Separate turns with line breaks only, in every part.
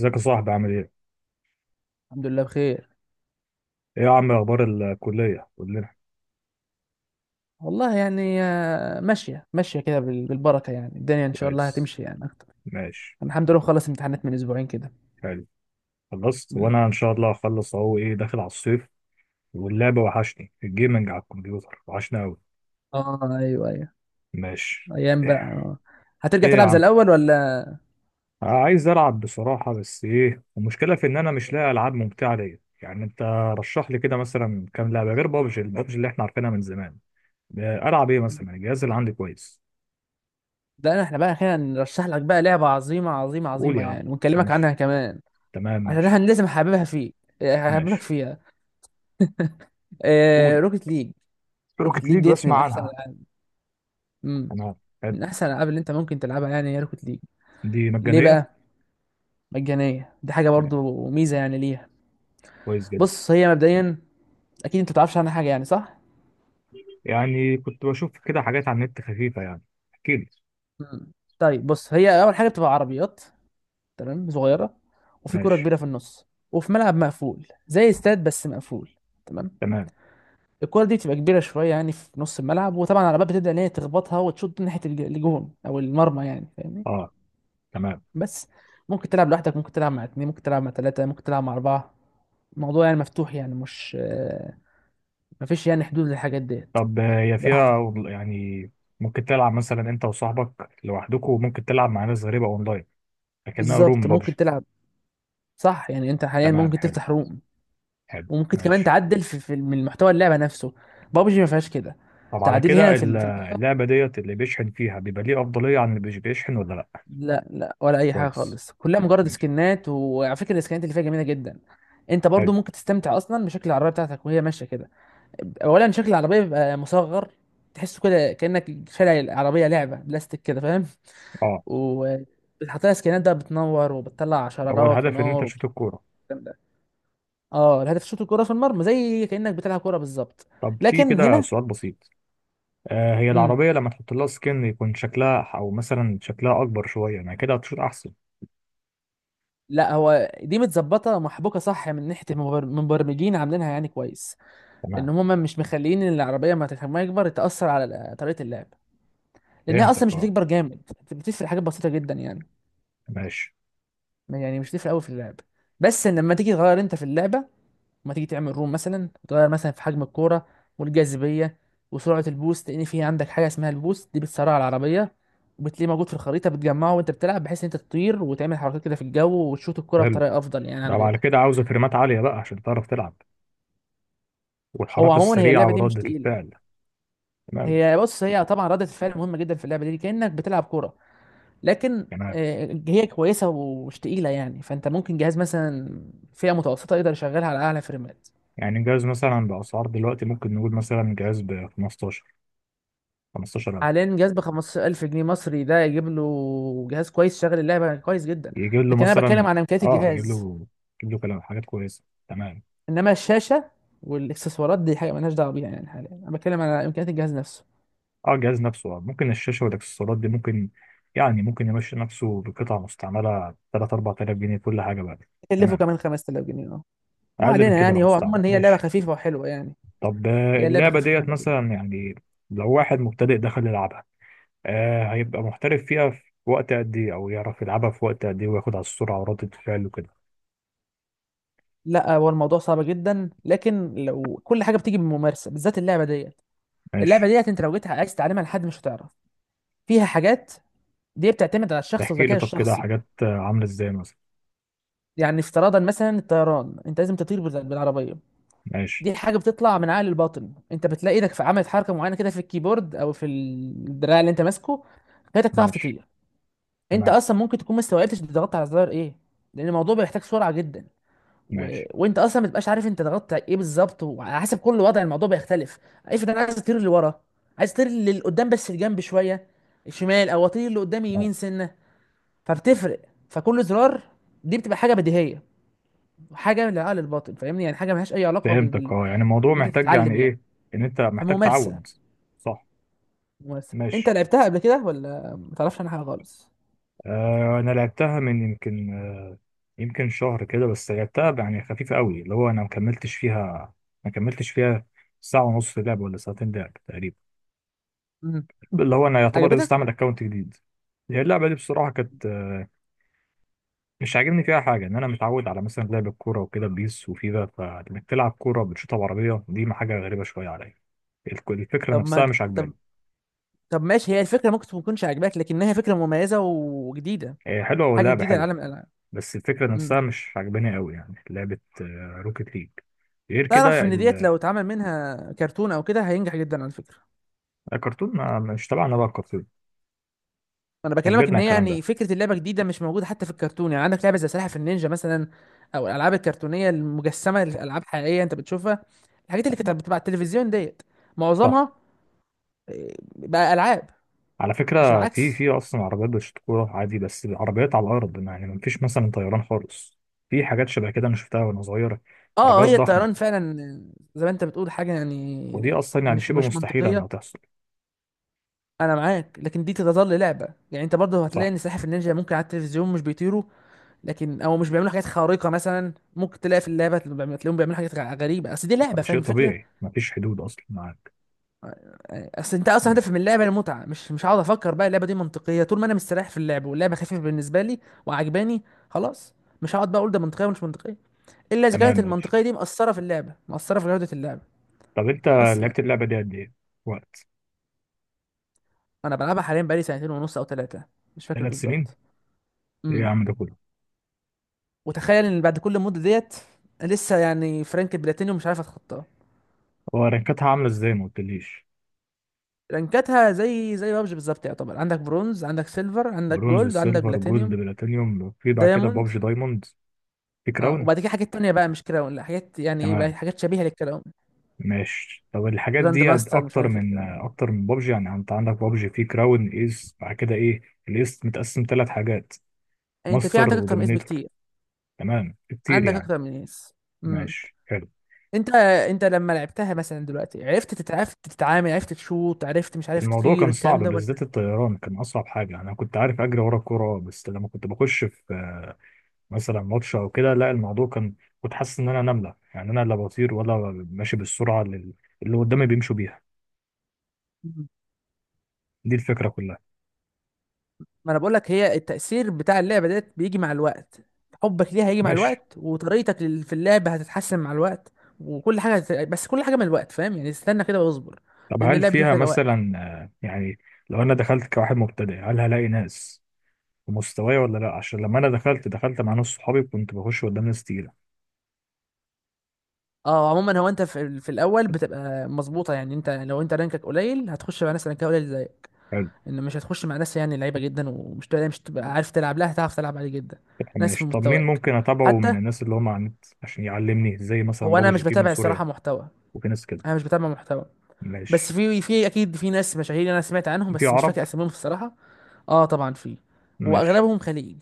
ازيك يا صاحبي عامل ايه؟
الحمد لله بخير.
ايه يا عم اخبار الكلية؟ قول لنا.
والله يعني ماشية ماشية كده بالبركة، يعني الدنيا إن شاء الله
كويس.
هتمشي يعني أكتر.
ماشي.
أنا الحمد لله خلص امتحانات من أسبوعين كده.
حلو. خلصت،
مم.
وانا ان شاء الله هخلص اهو، ايه داخل على الصيف. واللعب وحشني، الجيمنج على الكمبيوتر وحشني قوي.
آه، أيوه، أيوه.
ماشي.
أيام بقى، آه. هترجع
ايه يا
تلعب زي
عم،
الأول ولا؟
عايز العب بصراحة، بس ايه المشكلة في ان انا مش لاقي العاب ممتعة ليا يعني. انت رشح لي كده مثلا كام لعبة غير بابجي، البابجي اللي احنا عارفينها من زمان. العب ايه مثلا؟ الجهاز اللي عندي كويس.
لا، إحنا بقى أخيرا نرشح لك بقى لعبة عظيمة عظيمة
قول
عظيمة
يا عم.
يعني، ونكلمك
ماشي.
عنها كمان.
تمام
عشان
ماشي.
أنا لازم أحببها فيك. هحببك
ماشي.
فيها. آه،
قول.
روكيت ليج. روكيت
روكيت
ليج
ليج،
ديت
بسمع
من أحسن
عنها.
الألعاب. مم.
تمام. حلو.
من أحسن الألعاب اللي أنت ممكن تلعبها يعني هي روكيت ليج.
دي
ليه
مجانية؟
بقى؟ مجانية دي حاجة
يعني
برضو ميزة يعني ليها.
كويس جدا.
بص هي مبدئيا، اكيد انت ما تعرفش عنها حاجه يعني، صح؟
يعني كنت بشوف كده حاجات على النت خفيفة يعني، احكي لي.
مم. طيب بص، هي اول حاجه بتبقى عربيات. تمام، صغيره. وفي كره
ماشي.
كبيره في النص. وفي ملعب مقفول زي استاد، بس مقفول. تمام.
تمام.
الكره دي بتبقى كبيره شويه يعني في نص الملعب، وطبعا العربيات بتبدا ان هي تخبطها وتشوط ناحيه الجون او المرمى، يعني فاهمني؟
اه. تمام.
بس ممكن تلعب لوحدك، ممكن تلعب مع اتنين، ممكن تلعب مع تلاته، ممكن تلعب مع اربعه. الموضوع يعني مفتوح، يعني مش مفيش يعني حدود للحاجات ديت.
طب هي
براحتك.
فيها يعني ممكن تلعب مثلا انت وصاحبك لوحدكم، وممكن تلعب مع ناس غريبة اونلاين، لكنها روم
بالظبط ممكن
بابجي؟
تلعب. صح، يعني انت حاليا
تمام
ممكن
حلو.
تفتح روم.
حلو
وممكن كمان
ماشي.
تعدل في من محتوى اللعبه نفسه. بابجي ما فيهاش كده
طب على
تعديل
كده
هنا في اللعبه.
اللعبة ديت اللي بيشحن فيها بيبقى ليه أفضلية عن اللي مش بيشحن، ولا لأ؟
لا، لا، ولا اي حاجه
كويس.
خالص، كلها مجرد
ماشي.
سكنات، وعلى فكره السكنات اللي فيها جميله جدا. انت برضو
حلو.
ممكن تستمتع اصلا بشكل العربيه بتاعتك وهي ماشيه كده. اولا شكل العربيه بيبقى مصغر. تحسه كده كانك شارع العربيه لعبه بلاستيك كده، فاهم؟
اه
وبتحط لها سكنات بقى، بتنور وبتطلع
هو
شرارات
الهدف ان انت
ونار.
تشوت الكورة؟
اه، الهدف شوط الكرة في المرمى زي كأنك بتلعب كرة بالظبط.
طب في
لكن
كده
هنا.
سؤال بسيط. هي
امم
العربية لما تحط لها سكن يكون شكلها أو مثلا شكلها أكبر شوية، يعني كده هتشوط أحسن؟
لا، هو دي متظبطة محبوكة، صح، من ناحية المبرمجين عاملينها يعني كويس. لأن
تمام.
هما مش مخليين إن العربية ما يكبر تأثر على طريقة اللعب. لأنها أصلا
فهمتك
مش
أه.
بتكبر جامد. بتفرق حاجات بسيطة جدا يعني،
ماشي
يعني مش بتفرق أوي في اللعب. بس إن لما تيجي تغير أنت في اللعبة، ما تيجي تعمل روم مثلا تغير مثلا في حجم الكوره، والجاذبيه، وسرعه البوست. لان في عندك حاجه اسمها البوست دي بتسرع العربيه. وبتلاقيه موجود في الخريطه، بتجمعه وانت بتلعب بحيث ان انت تطير وتعمل حركات كده في الجو وتشوط الكوره
حلو.
بطريقه افضل يعني عن
ده بعد
غيرك.
كده عاوزة فريمات عالية بقى عشان تعرف تلعب،
هو
والحركة
عموما هي
السريعة
اللعبه دي مش
وردة
تقيله.
الفعل. تمام.
هي بص، هي طبعا ردة الفعل مهمه جدا في اللعبه دي كانك بتلعب كوره. لكن
تمام.
هي كويسه ومش تقيله يعني، فانت ممكن جهاز مثلا فئه متوسطه يقدر يشغلها على اعلى فريمات.
يعني جهاز مثلا بأسعار دلوقتي ممكن نقول مثلا جهاز ب 15 15,000.
حاليا جهاز ب 15,000 جنيه مصري، ده يجيب له جهاز كويس، شغل اللعبه كويس جدا.
يجيب له
لكن انا
مثلا
بتكلم عن امكانيات
يجيب
الجهاز.
له، يجيب له كلام، حاجات كويسة. تمام.
انما الشاشه والاكسسوارات دي حاجه مالناش دعوه بيها، يعني حاليا انا بتكلم على امكانيات الجهاز نفسه.
اه الجهاز نفسه. ممكن الشاشة والاكسسوارات دي، ممكن يعني، ممكن يمشي نفسه بقطع مستعملة 3 4000 جنيه كل حاجة بقى.
كلفه
تمام.
كمان 5,000 جنيه، اه. ما
أقل من
علينا
كده لو
يعني، هو
مستعمل،
عموما هي لعبه
ماشي.
خفيفه وحلوه يعني.
طب
هي لعبه
اللعبة
خفيفه
ديت
وحلوه جدا.
مثلا، يعني لو واحد مبتدئ دخل يلعبها، هيبقى محترف فيها في وقت قد إيه؟ أو يعرف يلعبها في وقت قد إيه وياخد على السرعة وردة الفعل وكده؟
لا، هو الموضوع صعب جدا، لكن لو كل حاجه بتيجي بالممارسه بالذات اللعبه ديت. اللعبه
ماشي.
ديت انت لو جيت عايز تعلمها لحد مش هتعرف. فيها حاجات دي بتعتمد على الشخص
تحكي لي
والذكاء
طب كده
الشخصي.
حاجات عاملة إزاي مثلا.
يعني افتراضا مثلا الطيران انت لازم تطير بالعربيه.
ماشي.
دي حاجه بتطلع من عقل الباطن. انت بتلاقي ايدك في عملت حركه معينه كده في الكيبورد او في الدراع اللي انت ماسكه، خلتك تعرف
ماشي.
تطير. انت
تمام
اصلا ممكن تكون ما استوعبتش انت ضغطت على الزرار ايه، لان الموضوع بيحتاج سرعه جدا.
ماشي.
وانت اصلا ما تبقاش عارف انت ضغطت على ايه بالظبط، وعلى حسب كل وضع الموضوع بيختلف. افرض انا عايز اطير لورا، عايز اطير لقدام بس الجنب شويه شمال، او اطير لقدام
آه،
يمين سنه. فبتفرق. فكل زرار دي بتبقى حاجه بديهيه، حاجه من العقل الباطن، فاهمني؟ يعني حاجه ملهاش اي علاقه بال...
فهمتك
بال...
اه، يعني الموضوع
ان انت
محتاج يعني
تتعلم يعني.
إيه، إن أنت محتاج
فممارسه،
تعود؟ صح.
ممارسه، انت
ماشي.
لعبتها قبل كده ولا ما تعرفش عنها حاجه خالص؟
انا لعبتها من يمكن يمكن شهر كده بس، لعبتها يعني خفيفه قوي، اللي هو انا ما كملتش فيها. ما كملتش فيها ساعه ونص لعب ولا ساعتين لعب تقريبا.
امم
اللي هو انا يعتبر لسه
عجبتك؟
عامل اكونت جديد. هي اللعبه دي بصراحه كانت مش عاجبني فيها حاجه. ان انا متعود على مثلا لعب الكوره وكده، بيس وفيفا، فانك تلعب كوره بتشوطها بعربيه دي ما حاجه غريبه شويه عليا. الفكره
طب
نفسها
ما
مش
طب
عجباني.
طب ماشي، هي الفكره ممكن ما تكونش عجباك لكنها فكره مميزه وجديده.
هي حلوه،
حاجه
واللعبه
جديده
حلوه،
لعالم الالعاب
بس الفكرة
امم
نفسها مش عجباني قوي. يعني لعبة روكيت ليج. غير كده
تعرف ان ديت لو اتعمل منها كرتون او كده هينجح جدا على فكره.
الكرتون ما مش تبعنا بقى الكرتون،
انا
احنا
بكلمك
كبرنا
ان
على
هي
الكلام ده.
يعني فكره اللعبه جديده، مش موجوده حتى في الكرتون، يعني عندك لعبه زي سلاحف النينجا مثلا. او الالعاب الكرتونيه المجسمه، الالعاب حقيقيه انت بتشوفها. الحاجات اللي كانت بتبقى على التلفزيون ديت
صح.
معظمها بقى العاب.
على
مش
فكرة في
العكس.
في أصلا عربيات بالشطورة عادي، بس العربيات على الأرض، يعني مفيش مثلا طيران خالص. في حاجات شبه كده أنا شفتها وأنا صغير،
اه،
عربيات
هي
ضخمة،
الطيران فعلا زي ما انت بتقول حاجه
ودي
يعني.
أصلا يعني
مش
شبه
مش
مستحيلة
منطقيه.
إنها تحصل.
انا معاك، لكن دي تظل لعبه يعني. انت برضه
صح.
هتلاقي ان سلاحف النينجا ممكن على التلفزيون مش بيطيروا. لكن او مش بيعملوا حاجات خارقه مثلا، ممكن تلاقي في اللعبه تلاقيهم بيعملوا حاجات غريبه، اصل دي لعبه، فاهم
شيء
الفكره؟
طبيعي مفيش حدود أصلا، معاك.
اصل انت اصلا، هدف من اللعبه المتعه، مش هقعد افكر بقى اللعبه دي منطقيه طول ما انا مستريح في اللعب واللعبه خفيفه بالنسبه لي وعجباني. خلاص. مش هقعد بقى اقول ده منطقيه ومش منطقيه، الا اذا
تمام
كانت
ماشي.
المنطقيه دي مأثره في اللعبه، مأثره في جوده اللعبه.
طب أنت
بس يعني،
لعبت اللعبة دي قد إيه؟ وقت؟
انا بلعبها حاليا بقالي سنتين ونص او ثلاثه، مش فاكر
3 سنين؟
بالظبط.
إيه يا
امم
عم ده كله؟
وتخيل ان بعد كل المده ديت لسه يعني فرانك بلاتينيوم مش عارف اتخطاه.
هو رانكاتها عاملة ازاي، ما قلتليش.
رانكاتها زي بابجي بالظبط، يعتبر عندك برونز، عندك سيلفر، عندك
برونز،
جولد، عندك
سيلفر، جولد،
بلاتينيوم.
بلاتينيوم، في بعد كده
دايموند،
بابجي دايموند، في
اه،
كراون.
وبعد كده حاجات تانية بقى، مش كراون، لا، حاجات يعني ايه بقى،
تمام
حاجات شبيهة للكراون.
ماشي. طب الحاجات
جراند
دي
ماستر، مش
اكتر
عارف ايه
من
الكلام ده.
اكتر من بابجي يعني؟ انت عندك بابجي في كراون، ايس، بعد كده ايه؟ الايس متقسم ثلاث حاجات،
يعني انت في
ماستر
عندك اكتر من اس
ودومينيتور.
بكتير،
تمام، كتير
عندك
يعني.
اكتر من اس امم
ماشي حلو.
انت انت لما لعبتها مثلا دلوقتي عرفت تتعامل، عرفت تشوط، عرفت مش عارف
الموضوع
تطير
كان صعب،
الكلام ده ولا؟
بالذات الطيران كان اصعب حاجه. انا كنت عارف اجري ورا الكوره، بس لما كنت بخش في مثلا ماتش او كده، لا الموضوع كان، كنت حاسس ان انا نمله يعني. انا لا بطير ولا ماشي بالسرعه اللي قدامي بيمشوا بيها.
مم.
دي الفكره كلها.
ما انا بقول لك هي، التأثير بتاع اللعبة ديت بيجي مع الوقت. حبك ليها هيجي مع
ماشي.
الوقت، وطريقتك في اللعبة هتتحسن مع الوقت. وكل حاجة بس كل حاجة من الوقت، فاهم يعني، استنى كده واصبر.
طب
لأن
هل
اللعبة دي
فيها
محتاجة وقت.
مثلا يعني لو انا دخلت كواحد مبتدئ هل هلاقي ناس في مستواي، ولا لا؟ عشان لما انا دخلت مع ناس صحابي كنت بخش قدام ناس تقيله.
اه، عموما هو انت في الاول بتبقى مظبوطه يعني، انت لو انت رانكك قليل هتخش مع ناس رانكها قليل زيك.
حلو
ان مش هتخش مع ناس يعني لعيبه جدا، ومش تلاقي، مش تبقى عارف تلعب لها، هتعرف تلعب عليه جدا. ناس في
ماشي. طب مين
مستواك
ممكن اتابعه من
حتى.
الناس اللي هم على النت عشان يعلمني، زي مثلا
هو انا
بابجي
مش
في من
بتابع
سوريا
الصراحه محتوى،
وفي ناس كده؟
انا مش بتابع محتوى. بس
ماشي.
في اكيد في ناس مشاهير انا سمعت عنهم،
في
بس مش
عرب؟
فاكر اساميهم الصراحه. اه طبعا في،
ماشي.
واغلبهم خليج،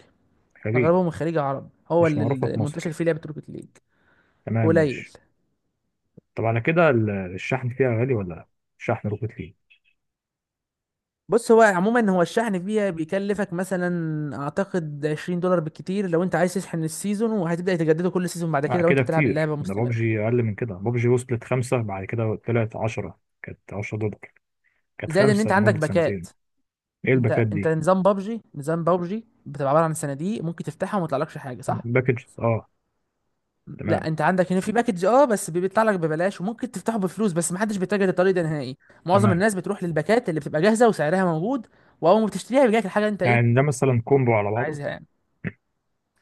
خليج.
اغلبهم من خليج عرب، هو
مش
اللي
معروفه
اللي
في
منتشر
مصر.
فيه لعبه روكيت ليج.
تمام
قليل.
ماشي. طب على كده الشحن فيها غالي ولا لا؟ الشحن روكيت ليج.
بص، هو عموما هو الشحن فيها بيكلفك مثلا اعتقد 20 دولار بالكتير، لو انت عايز تشحن السيزون وهتبدا تجدده كل سيزون بعد
لا
كده لو انت
كده
بتلعب
كتير،
اللعبه
ده
مستمر.
بابجي أقل من كده. بابجي وصلت خمسة، بعد كده طلعت 10، كانت 10 دولار. كانت
زائد ان
خمسة
انت عندك
لمدة
باكات،
سنتين. إيه
انت
الباكات
انت
دي؟
نظام بابجي، نظام بابجي بتبقى عباره عن صناديق ممكن تفتحها وما يطلعلكش حاجه، صح.
باكجز آه.
لا،
تمام.
انت عندك هنا في باكج، اه، بس بيطلع لك ببلاش، وممكن تفتحه بفلوس بس محدش بيتجه للطريق ده نهائي. معظم
تمام.
الناس بتروح للباكات اللي بتبقى جاهزه وسعرها موجود. واول ما بتشتريها بيجيلك الحاجه اللي انت
يعني
ايه
ده مثلا كومبو على بعضه؟
عايزها يعني.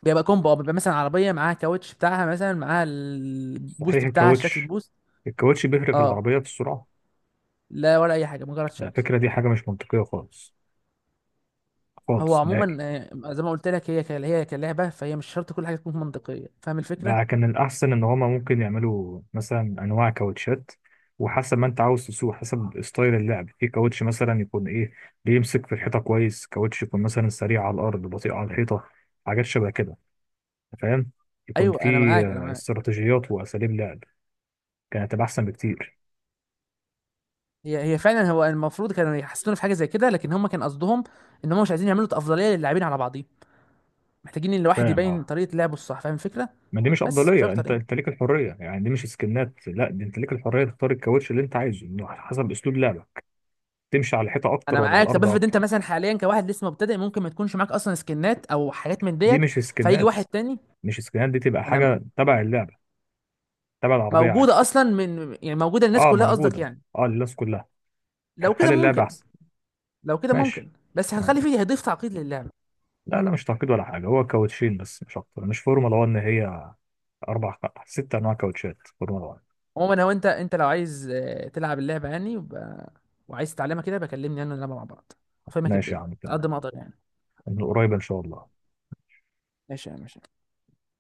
بيبقى كومبو، اه، بيبقى مثلا عربيه معاها كاوتش بتاعها، مثلا معاها
صحيح،
البوست بتاعها، شكل
الكاوتش.
البوست.
الكاوتش بيفرق في
اه،
العربية في السرعة؟
لا، ولا اي حاجه، مجرد شكل.
الفكرة دي حاجة مش منطقية خالص،
هو
خالص نهائي.
عموما زي ما قلت لك، هي هي كلعبه فهي مش شرط كل حاجه تكون منطقيه، فاهم الفكره؟
لا، كان الأحسن إن هما ممكن يعملوا مثلا أنواع كاوتشات، وحسب ما أنت عاوز تسوق، حسب ستايل اللعب. في كاوتش مثلا يكون إيه، بيمسك في الحيطة كويس، كاوتش يكون مثلا سريع على الأرض بطيء على الحيطة، حاجات شبه كده، فاهم؟ يكون
ايوه،
في
انا معاك، انا معاك.
استراتيجيات وأساليب لعب، كانت هتبقى أحسن بكتير.
هي فعلا هو المفروض كانوا يحسنوا في حاجه زي كده، لكن هم كان قصدهم. ان هم مش عايزين يعملوا افضليه للاعبين على بعضيهم، محتاجين ان الواحد
فاهم
يبين
أه.
طريقه لعبه الصح، فاهم الفكره؟
ما دي مش
بس مش
أفضلية،
اكتر
أنت
يعني.
أنت ليك الحرية يعني. دي مش سكنات، لا، دي أنت ليك الحرية تختار الكاوتش اللي أنت عايزه، إنه حسب أسلوب لعبك، تمشي على الحيطة
انا
أكتر ولا على
معاك. طب
الأرض
افرض انت
أكتر.
مثلا حاليا كواحد لسه مبتدئ ممكن ما تكونش معاك اصلا سكنات او حاجات من
دي
ديت،
مش
فيجي
سكنات.
واحد تاني.
مش سكنات دي، تبقى
انا،
حاجه تبع اللعبه، تبع العربيه عادي.
موجودة أصلا يعني موجودة للناس
اه
كلها، قصدك
موجوده.
يعني؟
اه للناس كلها.
لو كده
هنخلي اللعبه
ممكن
احسن.
لو كده
ماشي
ممكن بس
تمام.
هتخلي فيه، هيضيف تعقيد للعبة.
لا لا، مش تعقيد ولا حاجه، هو كاوتشين بس مش اكتر، مش فورمولا 1 هي. اربع، ست انواع كاوتشات فورمولا 1.
عموما هو أنت لو عايز تلعب اللعبة يعني وعايز تتعلمها كده، بكلمني أنا نلعبها مع بعض، أفهمك
ماشي يا
الدنيا
عم
على قد
تمام.
ما أقدر يعني.
من قريب ان شاء الله.
ماشي يا ماشي.